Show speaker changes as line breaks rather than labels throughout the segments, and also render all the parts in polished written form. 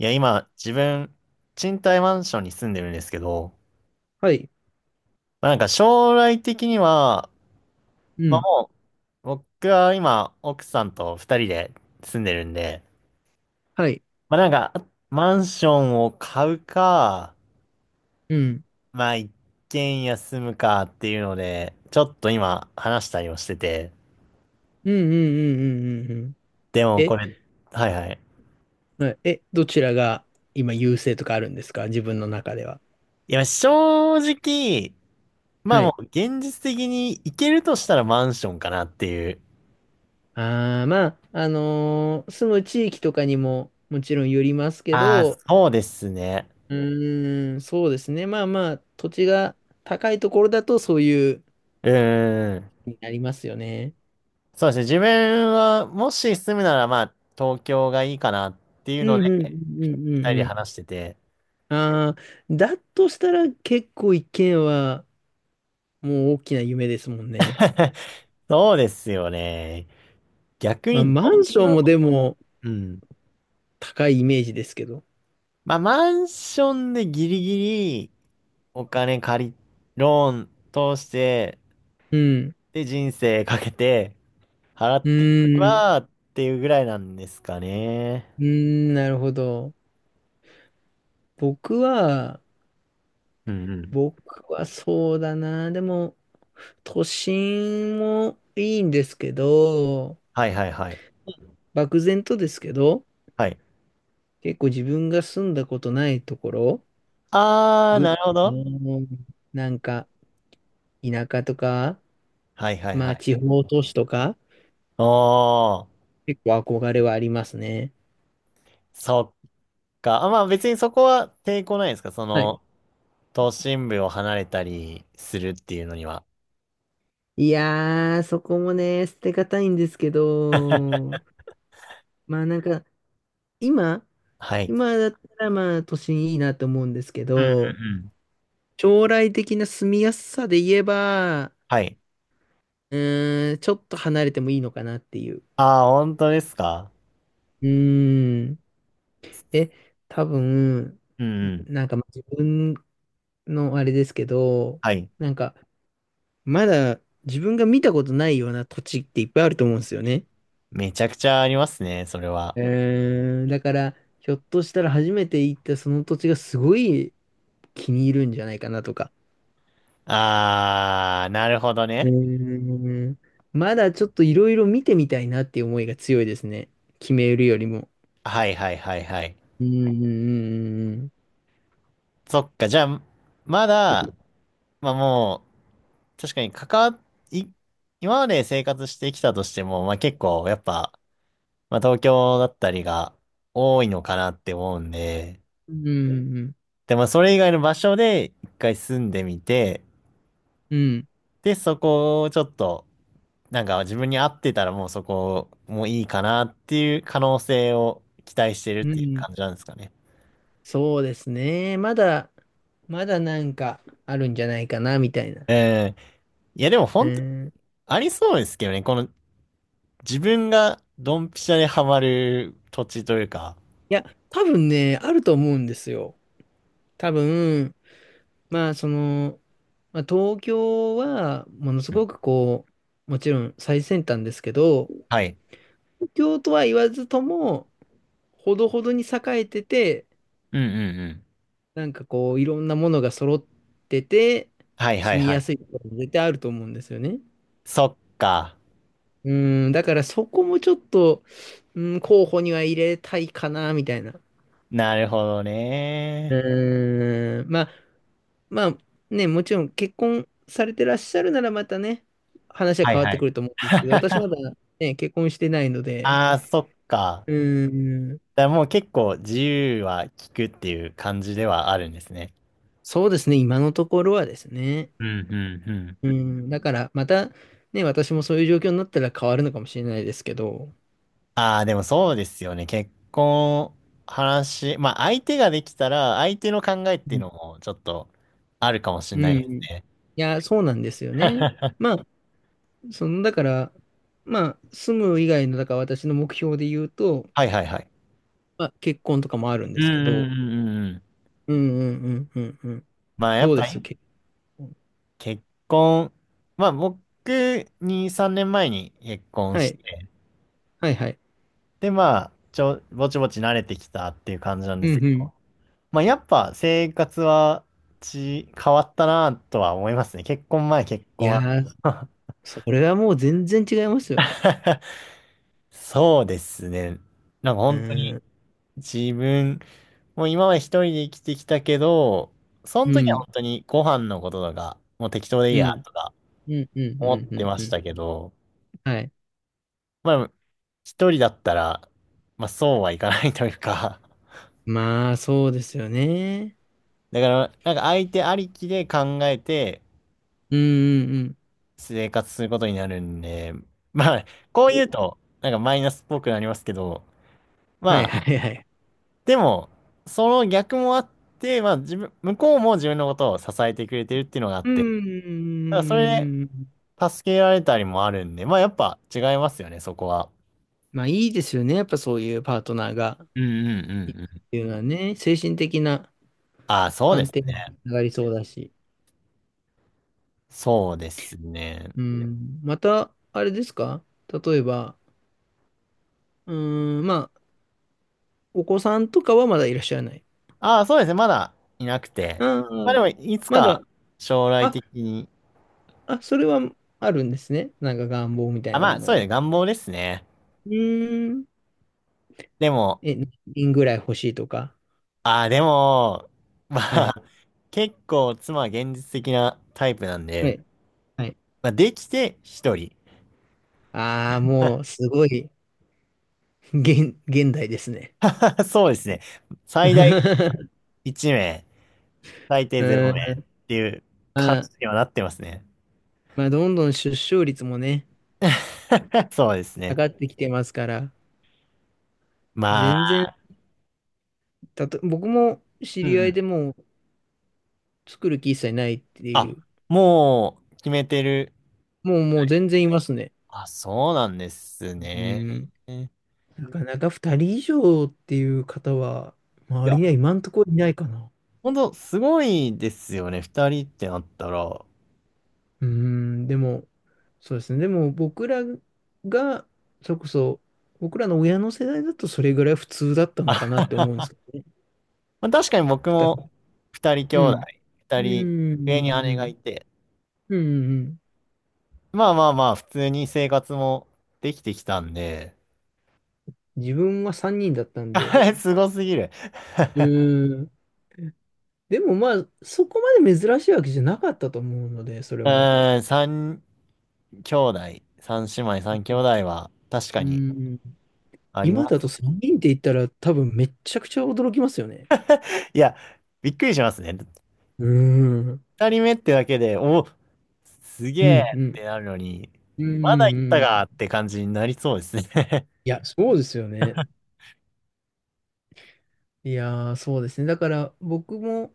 いや、今、自分、賃貸マンションに住んでるんですけど、
はい。
まあ、なんか将来的には、
う
まあ、
ん。
もう、僕は今、奥さんと二人で住んでるんで、
はい。
まあ、なんか、マンションを買うか、
うん。
まあ、一軒家住むかっていうので、ちょっと今、話したりをしてて、
うんうんうんうんうんうん。
でもこ
え、
れ。はいはい。
はいどちらが今優勢とかあるんですか、自分の中では。
いや、正直、まあ
は
も
い。
う、現実的に行けるとしたらマンションかなっていう。
ああ、まあ、住む地域とかにももちろんよりますけ
ああ、
ど、
そうですね。
うーん、そうですね。まあまあ、土地が高いところだとそういう、
うーん。
になりますよね。
そうですね。自分は、もし住むなら、まあ、東京がいいかなっていう
う
の
ん
で、
うんうんうん
二人
うんう
で
ん。
話してて。
ああ、だとしたら結構一軒はもう大きな夢ですもんね。
そうですよね。逆
まあ、
に
マ
どん
ンション
な。
もでも、
うん。
高いイメージですけど。
まあ、マンションでギリギリお金借り、ローン通して、
うん。
で、人生かけて払っ
う
ていけ
ーん。
ばっていうぐらいなんですかね。
うーん、なるほど。僕は、
うんうん。
僕はそうだな。でも、都心もいいんですけど、
はいはいはい。
漠然とですけど、
はい。
結構自分が住んだことないところ、
あー、
ぐ、
なるほど。
なんか、田舎とか、
はいはい
ま
は
あ、
い。
地方都市とか、
おー。
結構憧れはありますね。
そっか、あ、まあ別にそこは抵抗ないですかそ
はい。
の、都心部を離れたりするっていうのには。
いやー、そこもね、捨てがたいんですけど、まあなんか、今、
はい。
今だったらまあ都心いいなと思うんですけ
うんうん
ど、
うん
将来的な住みやすさで言えば、
はい。
うーん、ちょっと離れてもいいのかなっていう。
ああ、本当ですか。
うーん。え、多分、
うん。うんうん。
なんかまあ自分のあれですけど、
はい。
なんかまだ自分が見たことないような土地っていっぱいあると思うんですよね。
めちゃくちゃありますね、それは。
うーん、だからひょっとしたら初めて行ったその土地がすごい気に入るんじゃないかな、とか。
ああ、なるほど
う
ね。
ーん。まだちょっといろいろ見てみたいなっていう思いが強いですね。決めるよりも。
はいはいはいはい。
うん、うん、うん、うん。
そっか、じゃあ、まだ、まあもう、確かに関わっ、い、今まで生活してきたとしても、まあ結構、やっぱ、まあ東京だったりが多いのかなって思うんで、
うん、うん、
でもそれ以外の場所で一回住んでみて、
うん。
で、そこをちょっと、なんか自分に合ってたらもうそこもいいかなっていう可能性を期待してるっ
う
ていう
ん、
感じなんですかね。
そうですね。まだなんかあるんじゃないかな、みたいな。
ええ。いやでも
う
本当
ん。い
ありそうですけどね。この自分がドンピシャでハマる土地というか。
や、多分ね、あると思うんですよ。多分、まあ、その、まあ、東京は、ものす
うん。
ごくこう、もちろん最先端ですけど、
は
東
い。
京とは言わずとも、ほどほどに栄えてて、
うんうんうん。
なんかこう、いろんなものが揃ってて、
はいは
住
い
み
は
や
い。
すいところも絶対あると思うんですよね。
そっか。
うん、だからそこもちょっと、うん、候補には入れたいかな、みたいな。
なるほどね。
うん、まあ、まあね、もちろん結婚されてらっしゃるならまたね、話は
はい
変わっ
は
てく
い。
ると思うんですけど、私ま だね、結婚してないので、
ああ、そっか。
うん、
だからもう結構自由は利くっていう感じではあるんですね。
そうですね、今のところはですね。
うん、うん、うん。
うん、だからまたね、私もそういう状況になったら変わるのかもしれないですけど、
ああ、でもそうですよね。結婚、話、まあ相手ができたら、相手の考えって
う
いう
ん
のもちょっとあるかもしれ
う
ないで
ん。い
すね。
や、そうなんですよね。ま あ、その、だから、まあ、住む以外の、だから私の目標で言うと、
はいはいはい。
まあ、結婚とかもあるん
う
で
ん、
す
うん、う
け
ん、
ど、
うんうん。
うんうんうんうんうん。
まあや
ど
っ
うで
ぱ
す、
り
結婚？
結婚、まあ僕2、3年前に結婚
は
し
い。
て、
はいはい。
でまあぼちぼち慣れてきたっていう感じなん
う
です
んう
け
ん。
ど、まあ、やっぱ生活は変わったなとは思いますね。結婚前、結
い
婚
やー、
後。
それはもう全然違いますよね。
そうですね。なんか
う
本当に
ん。
自分、もう今まで一人で生きてきたけど、その
う
時は本
ん。
当にご飯のこととか、もう適当でいい
う
や
ん。
とか
うんうんう
思っ
んう
てま
んう
し
ん。
たけど、
はい。
まあ、一人だったら、まあそうはいかないというか、
まあ、そうですよね。
だからなんか相手ありきで考えて、
うんうんうん。
生活することになるんで、まあ、こう言う と、なんかマイナスっぽくなりますけど、
はい
ま
は
あ、
いはい。
でも、その逆もあって、まあ、自分、向こうも自分のことを支えてくれてるっていうのがあっ
う
て、ただそれ
ーん。
で助けられたりもあるんで、まあ、やっぱ違いますよね、そこは。
まあいいですよね。やっぱそういうパートナーが
うんうんう
いる
ん
っ
うん。
ていうのはね、精神的な
ああ、そうで
安
す
定に
ね。
つながりそうだし。
そうですね。
うん。また、あれですか、例えば、うーん、まあ、お子さんとかはまだいらっしゃらない。
ああ、そうですね。まだいなくて。
あ
まあ
あ、
でも、いつ
まだ、
か将来
あ、
的に。
あ、それはあるんですね。なんか願望みたい
あ、
な
ま
も
あ、
の
そうですね。
は。
願望ですね。
うーん。
でも、
え、何人ぐらい欲しいとか。
ああ、でも、ま
は
あ、
い。
結構妻は現実的なタイプなん
は
で、
い。はい。
まあ、できて1人。
ああ、もう、すごい。現代ですね。
そうですね。最大 1名、最低
う
0名っ
ん、
ていう感
ま
じ
あ、
にはなってますね。
まあ、どんどん出生率もね、
そうです
下
ね。
がってきてますから、
ま
全
あ、
然、僕も知
うん
り合
う
い
ん。
でもう作る気一切ないってい
あ、
う、
もう決めてる。
もう全然いますね。
あ、そうなんです
うん、
ね。い
なかなか2人以上っていう方は、周り
や、
には今んとこいないかな。
ほんとすごいですよね。2人ってなったら。
うん、でも、そうですね。でも僕らが、それこそ、僕らの親の世代だとそれぐらい普通だったのかなって思うんで すけどね。
まあ、確かに僕
2人。
も二人
う
兄
ん。
弟、
う
二
ん、
人
う
上に姉がい
ん、
て、
うん、うん。うん、
まあまあまあ、普通に生活もできてきたんで、
自分は3人だったんで。
すごすぎる
う ん。でもまあ、そこまで珍しいわけじゃなかったと思うので、それ
う
も。
ーん、三兄弟、三姉妹、三兄弟は確か
う
に
ん。
あり
今
ま
だ
す。
と3人って言ったら多分めっちゃくちゃ驚きますよね。
いや、びっくりしますね。
うん。うん、
二人目ってだけで、お、すげ
う
え
ん。う
っ
ん、
てなるのに、
う
ま
ん
だ行った
うん。
かって感じになりそうですね。
いや、そうですよね。いやー、そうですね。だから僕も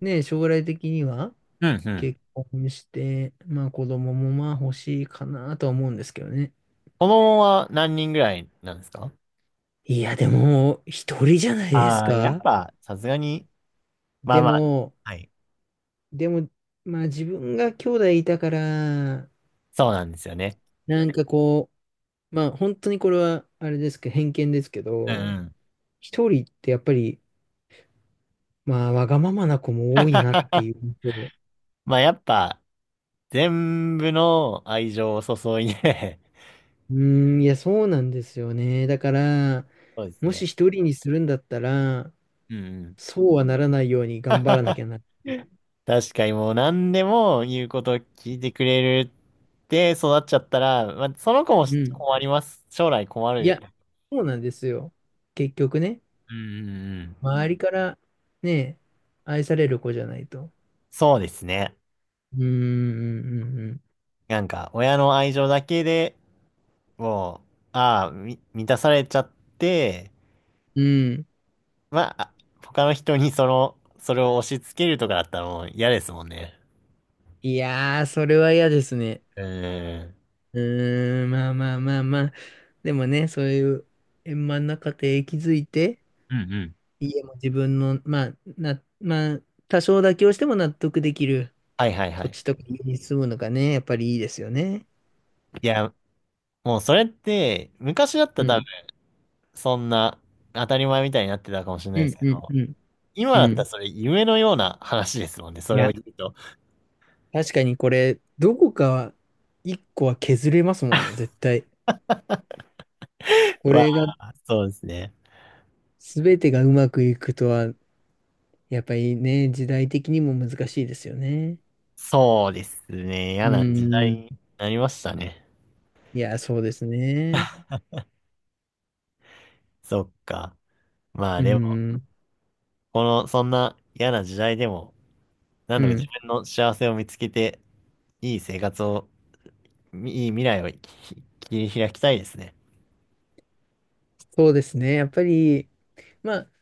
ね、将来的には
うんうん。
結婚して、まあ子供もまあ欲しいかなとは思うんですけどね。
子供は何人ぐらいなんですか？
いや、でも、一人じゃないです
ああー、やっ
か？
ぱ、さすがに、まあ
で
まあ、
も、
はい。
でも、まあ自分が兄弟いたから、
そうなんですよね。
なんかこう、まあ本当にこれは、あれですけど、偏見ですけ
うん
ど、
うん。
一人ってやっぱり、まあわがままな子も多いなっていう 印象。
まあやっぱ、全部の愛情を注いで。
うーん、いや、そうなんですよね。だから、
そうです
もし
ね。
一人にするんだったら、
うんうん。
そうはならないように頑張らなき ゃなっていう。
確かにもう何でも言うことを聞いてくれるって育っちゃったら、まあ、その子も
うん。
困ります。将来困
い
る。
や、そうなんですよ。結局ね。
うんうんうん。
周りからね、愛される子じゃないと。
そうですね。
うーん、うん、
なんか、親の愛情だけでもう、ああ、満たされちゃって、
うん。うん。
まあ、他の人にその、それを押し付けるとかだったらもう嫌ですもんね。
いやー、それは嫌ですね。
うーん。
うーん、まあまあまあまあ。でもね、そういう円満な家庭築いて、
うんうん。
家も自分の、まあ、まあ、多少妥協しても納得できる
はいはいは
土
い。
地とか家に住むのがね、やっぱりいいですよね。
いや、もうそれって、昔だった
う
ら多
ん、
分、そんな当たり前みたいになってたかもしれない
う
です
ん、
け
うん、
ど、
うん、
今
う
だったら
ん。
それ夢のような話ですもんね、そ
い
れを
や、
言うと。
確かにこれ、どこかは、一個は削れますもんね、絶対。これ
わ
が
あ、そうですね。
すべてがうまくいくとは、やっぱりね、時代的にも難しいですよね。
そうですね。嫌
う
な時代
ん。
になりましたね。
いや、そうですね。
そっか。まあ
う
でも、
ん。
この、そんな嫌な時代でも、な
う
んとか自
ん。
分の幸せを見つけて、いい生活をいい未来を切り開きたいですね。
そうですね。やっぱり、まあ、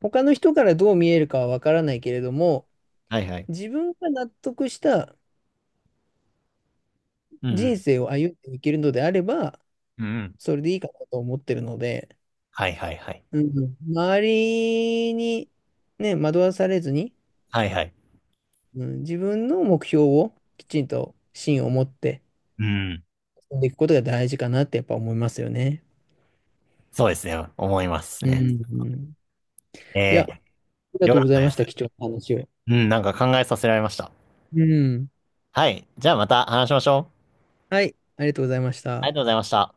他の人からどう見えるかはわからないけれども、
はいはい。
自分が納得した
う
人
ん。
生を歩んでいけるのであれば、
うんうん。
それでいいかなと思ってるので、
はいはいはい。
うん、周りに、ね、惑わされずに、
はいはい。
うん、自分の目標をきちんと芯を持って
うん。
んでいくことが大事かなってやっぱ思いますよね。
そうですね。思います
うん、う
ね。
ん。い
え
や、あ
ー、
りが
よ
とう
か
ご
っ
ざ
た
いま
で
した。
す。
貴重な話を。
うん、なんか考えさせられました。
うん。
はい。じゃあまた話しましょう。
はい、ありがとうございまし
あ
た。
りがとうございました。